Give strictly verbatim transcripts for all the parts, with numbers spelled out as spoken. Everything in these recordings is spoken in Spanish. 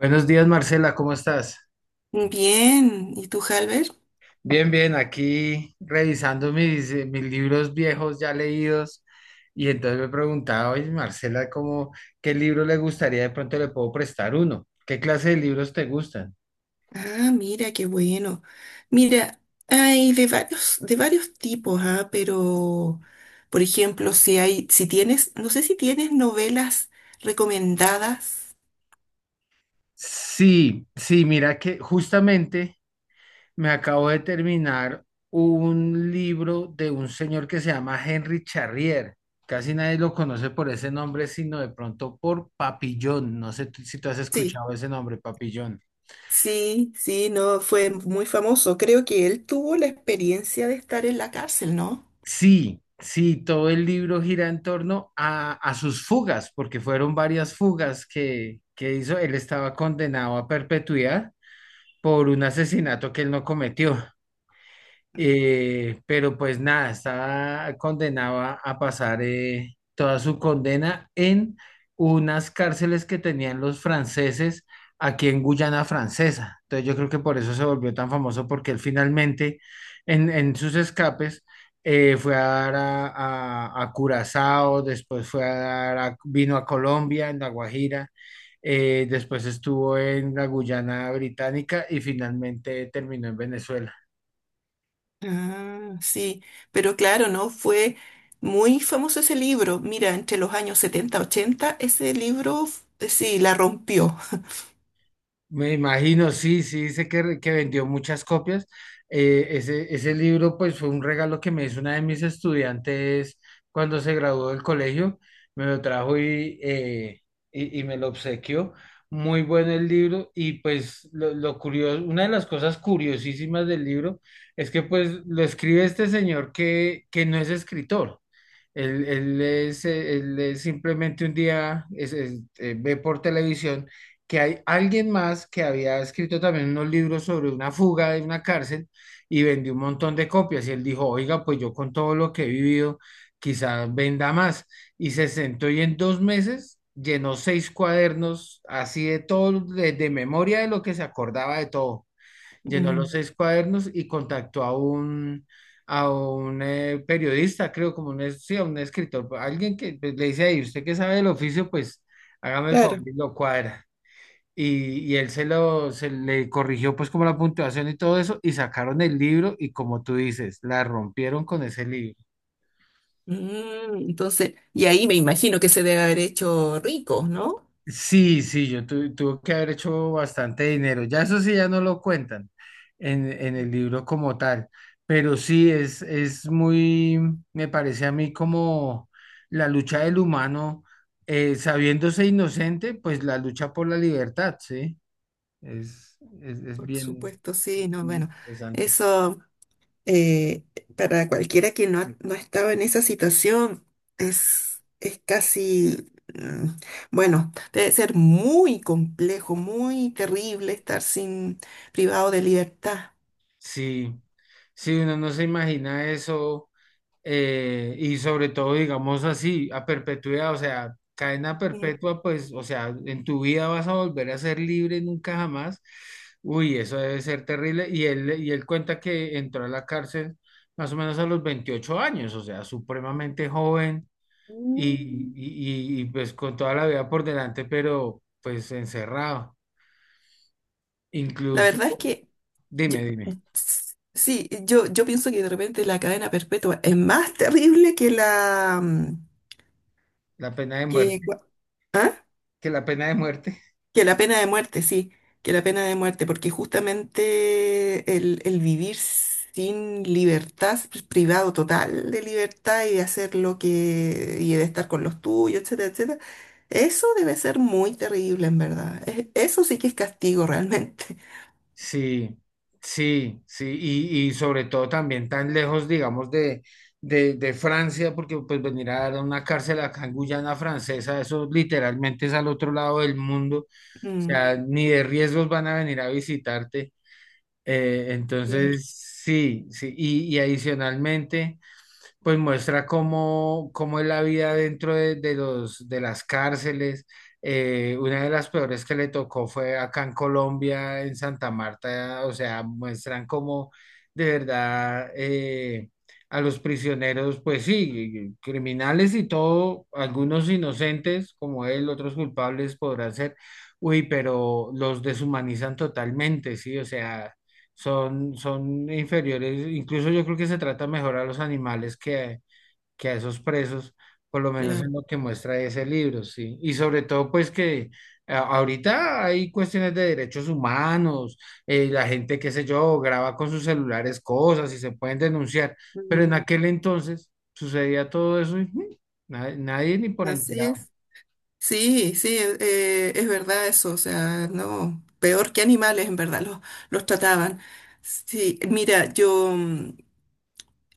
Buenos días, Marcela, ¿cómo estás? Bien, ¿y tú, Halber? Bien, bien, aquí revisando mis, eh, mis libros viejos ya leídos. Y entonces me preguntaba: oye, Marcela, ¿cómo, qué libro le gustaría? De pronto le puedo prestar uno. ¿Qué clase de libros te gustan? Ah, mira, qué bueno. Mira, hay de varios, de varios tipos, ¿ah? Pero, por ejemplo, si hay, si tienes, no sé si tienes novelas recomendadas. Sí, sí, mira que justamente me acabo de terminar un libro de un señor que se llama Henry Charrier. Casi nadie lo conoce por ese nombre, sino de pronto por Papillón. No sé tú- si tú has Sí, escuchado ese nombre, Papillón. sí, sí, no, fue muy famoso. Creo que él tuvo la experiencia de estar en la cárcel, ¿no? Sí, sí, todo el libro gira en torno a, a sus fugas, porque fueron varias fugas que, que hizo. Él estaba condenado a perpetuidad por un asesinato que él no cometió. Eh, pero pues nada, estaba condenado a, a pasar, eh, toda su condena en unas cárceles que tenían los franceses aquí en Guyana Francesa. Entonces yo creo que por eso se volvió tan famoso, porque él finalmente, en, en sus escapes, eh, fue a dar a, a- a Curazao; después fue a dar a- vino a Colombia, en La Guajira. Eh, después estuvo en la Guyana Británica y finalmente terminó en Venezuela. Ah, sí, pero claro, ¿no? Fue muy famoso ese libro. Mira, entre los años setenta ochenta ese libro, f- sí, la rompió. Me imagino, sí, sí, dice que, re- que vendió muchas copias. Eh, ese, ese libro pues fue un regalo que me hizo una de mis estudiantes cuando se graduó del colegio. Me lo trajo y, eh, y, y me lo obsequió. Muy bueno el libro, y pues lo, lo curioso, una de las cosas curiosísimas del libro es que pues lo escribe este señor que, que no es escritor. Él, él es, eh, él es simplemente un día, es- es- eh, ve por televisión que hay alguien más que había escrito también unos libros sobre una fuga de una cárcel y vendió un montón de copias. Y él dijo: oiga, pues yo, con todo lo que he vivido, quizás venda más. Y se sentó, y en dos meses llenó seis cuadernos así de todo, de de memoria, de lo que se acordaba de todo. Llenó los Mm, seis cuadernos y contactó a un, a un eh, periodista, creo, como un, es- sí, a un escritor, alguien que, pues, le dice ahí: usted que sabe del oficio, pues hágame el favor claro. y lo cuadra. Y, y él se lo, se le corrigió pues como la puntuación y todo eso, y sacaron el libro y, como tú dices, la rompieron con ese libro. Mm, entonces, y ahí me imagino que se debe haber hecho rico, ¿no? Sí, sí, yo tu- tuve que haber hecho bastante dinero. Ya eso sí, ya no lo cuentan en, en el libro como tal, pero sí es, es muy, me parece a mí, como la lucha del humano, eh, sabiéndose inocente, pues la lucha por la libertad, ¿sí? Es, es, es Por bien supuesto, sí, no, bueno, interesante. eso eh, para cualquiera que no, ha- no estaba en esa situación es, es casi, mm, bueno, debe ser muy complejo, muy terrible estar sin privado de libertad. Sí, sí, uno no se imagina eso eh, y sobre todo, digamos así, a perpetuidad, o sea, cadena Mm. perpetua, pues, o sea, en tu vida vas a volver a ser libre nunca jamás. Uy, eso debe ser terrible. Y él, y él cuenta que entró a la cárcel más o menos a los veintiocho años, o sea, supremamente joven, y, Mm. y, y, y, pues, con toda la vida por delante, pero pues encerrado. La Incluso, verdad es que Yo- dime, dime, sí, yo, yo pienso que de repente la cadena perpetua es más terrible que la mm, la pena de que, muerte, cua- ¿ah? que la pena de muerte. Que la pena de muerte, sí, que la pena de muerte, porque justamente el, el vivir sin libertad, privado total de libertad y de hacer lo que, y de estar con los tuyos, etcétera, etcétera, eso debe ser muy terrible, en verdad. Es- eso sí que es castigo realmente. Sí, sí, sí, y, y sobre todo también tan lejos, digamos, de, de, de Francia, porque pues venir a dar a una cárcel acá en Guyana Francesa, eso literalmente es al otro lado del mundo, o Mm, sea, ni de riesgos van a venir a visitarte. Eh, claro, Entonces, sí, sí, y, y adicionalmente, pues muestra cómo, cómo es la vida dentro de, de los, de las cárceles. Eh, una de las peores que le tocó fue acá en Colombia, en Santa Marta, o sea, muestran cómo, de verdad, eh, a los prisioneros, pues sí, criminales y todo, algunos inocentes como él, otros culpables podrán ser, uy, pero los deshumanizan totalmente, sí, o sea, son, son inferiores. Incluso yo creo que se trata mejor a los animales que, que a esos presos, por lo menos claro. en lo que muestra ese libro, sí. Y sobre todo, pues que, a- ahorita, hay cuestiones de derechos humanos. Eh, la gente, qué sé yo, graba con sus celulares cosas y se pueden denunciar, pero en Mm, aquel entonces sucedía todo eso, y mm, na- nadie ni por así enterado. es. Sí, sí, e, eh, es verdad eso, o sea, no, peor que animales en verdad los, los trataban. Sí, mira, yo, mm,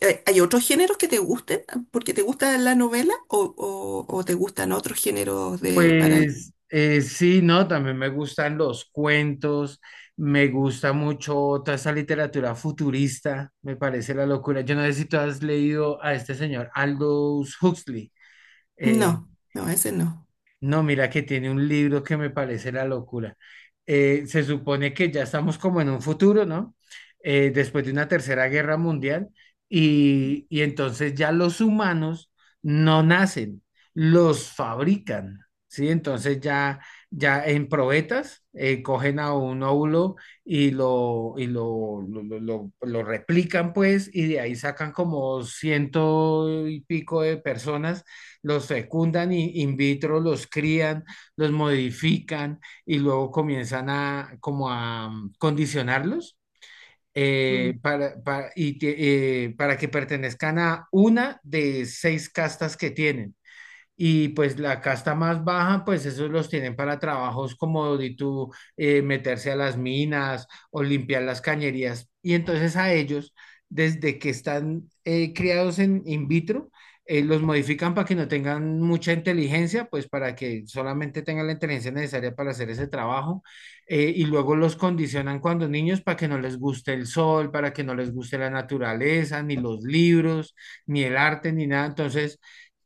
eh, ¿hay otros géneros que te gusten? ¿Porque te gusta la novela o, o- o te gustan otros géneros de para... Pues, eh, sí, no, también me gustan los cuentos, me gusta mucho toda esa literatura futurista, me parece la locura. Yo no sé si tú has leído a este señor Aldous Huxley. eh, No, no, ese no. no, mira que tiene un libro que me parece la locura. Eh, se supone que ya estamos como en un futuro, ¿no? Eh, después de una tercera guerra mundial, y, y entonces ya los humanos no nacen, los fabrican, ¿sí? Entonces ya, ya en probetas, eh, cogen a un óvulo y lo, y lo, lo, lo, lo- lo replican pues, y de ahí sacan como ciento y pico de personas, los fecundan in vitro, los crían, los modifican y luego comienzan a como a mm, condicionarlos, Mm. eh, para, para, y eh, para que pertenezcan a una de seis castas que tienen. Y pues la casta más baja, pues esos los tienen para trabajos como de tú, eh, meterse a las minas o limpiar las cañerías. Y entonces a ellos, desde que están, eh, criados en in vitro, eh, los modifican para que no tengan mucha inteligencia, pues para que solamente tengan la inteligencia necesaria para hacer ese trabajo. eh, y luego los condicionan cuando niños para que no les guste el sol, para que no les guste la naturaleza, ni los libros, ni el arte, ni nada. Entonces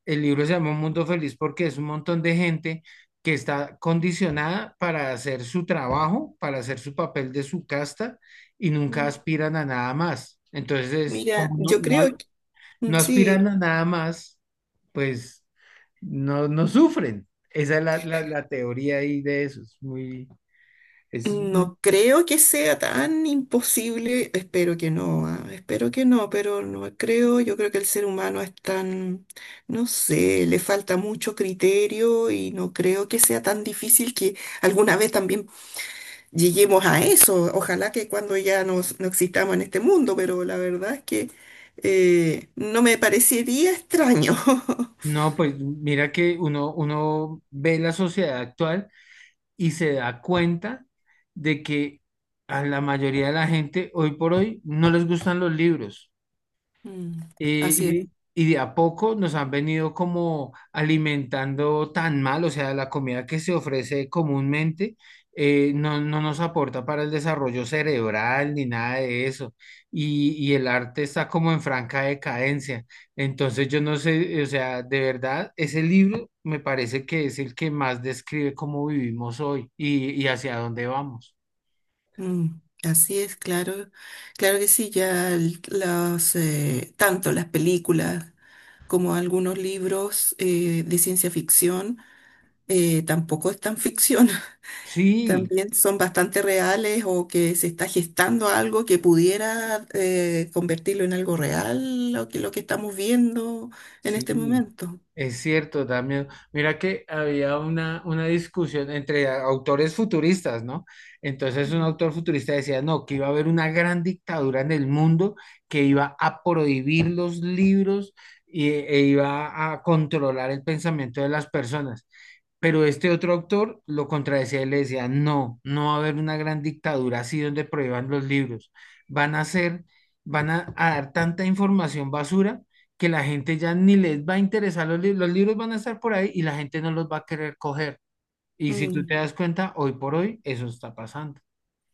el libro se llama Un Mundo Feliz, porque es un montón de gente que está condicionada para hacer su trabajo, para hacer su papel de su casta, y nunca Mm. aspiran a nada más. Entonces, Mira, como no, yo no, creo que, mm, no aspiran sí. a nada más, pues no, no sufren. Esa es la, la, la teoría ahí de eso. Es muy, es, No creo que sea tan imposible, espero que no, ah, espero que no, pero no creo, yo creo que el ser humano es tan, no sé, le falta mucho criterio y no creo que sea tan difícil que alguna vez también lleguemos a eso. Ojalá que cuando ya nos, no existamos en este mundo, pero la verdad es que eh, no me parecería extraño. no, pues mira que uno, uno ve la sociedad actual y se da cuenta de que a la mayoría de la gente hoy por hoy no les gustan los libros. Mm, Eh, así es. y, y de a poco nos han venido como alimentando tan mal, o sea, la comida que se ofrece comúnmente, eh, no, no nos aporta para el desarrollo cerebral ni nada de eso. Y, y el arte está como en franca decadencia. Entonces yo no sé, o sea, de verdad, ese libro me parece que es el que más describe cómo vivimos hoy y, y hacia dónde vamos. Mm, así es, claro, claro que sí, ya el- las, eh, tanto las películas como algunos libros eh, de ciencia ficción eh, tampoco es tan ficción, Sí, también son bastante reales o que se está gestando algo que pudiera eh, convertirlo en algo real, lo que, lo que estamos viendo en este sí. momento. Es cierto, también. Mira que había una, una discusión entre autores futuristas, ¿no? Entonces un Mm, autor futurista decía: no, que iba a haber una gran dictadura en el mundo que iba a prohibir los libros y, e iba a controlar el pensamiento de las personas. Pero este otro autor lo contradecía y le decía: no, no va a haber una gran dictadura así donde prohíban los libros. Van a ser, van a, a dar tanta información basura, que la gente ya ni les va a interesar los libros; los libros van a estar por ahí y la gente no los va a querer coger. Y si tú mm. te das cuenta, hoy por hoy eso está pasando.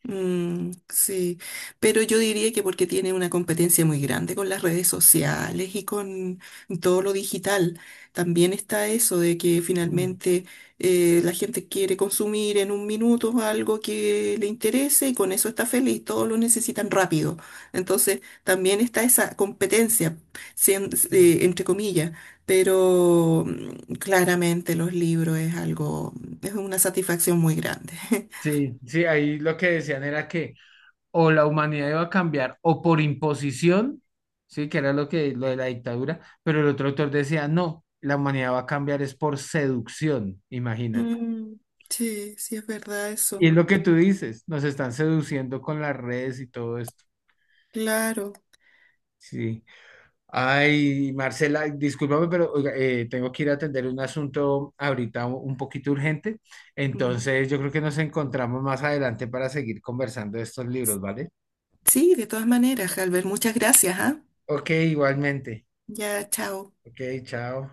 Mm, sí, pero yo diría que porque tiene una competencia muy grande con las redes sociales y con todo lo digital, también está eso de que Mm, finalmente eh, la gente quiere consumir en un minuto algo que le interese y con eso está feliz, todos lo necesitan rápido. Entonces, también está esa competencia, sien- mm. eh, entre comillas, pero mm, claramente los libros es algo, es una satisfacción muy grande. Sí, sí, ahí lo que decían era que o la humanidad iba a cambiar o por imposición, sí, que era lo que, lo de la dictadura, pero el otro autor decía: no, la humanidad va a cambiar es por seducción, imagínate. Mm, sí, sí es verdad Y eso. es lo que tú dices, nos están seduciendo con las redes y todo esto. Claro. Sí. Ay, Marcela, discúlpame, pero oiga, eh, tengo que ir a atender un asunto ahorita, un un poquito urgente. Mm. Entonces, yo creo que nos encontramos más adelante para seguir conversando de estos libros, ¿vale? Sí, de todas maneras, Albert, muchas gracias, ¿ah? Ok, igualmente. Ya, chao. Ok, chao.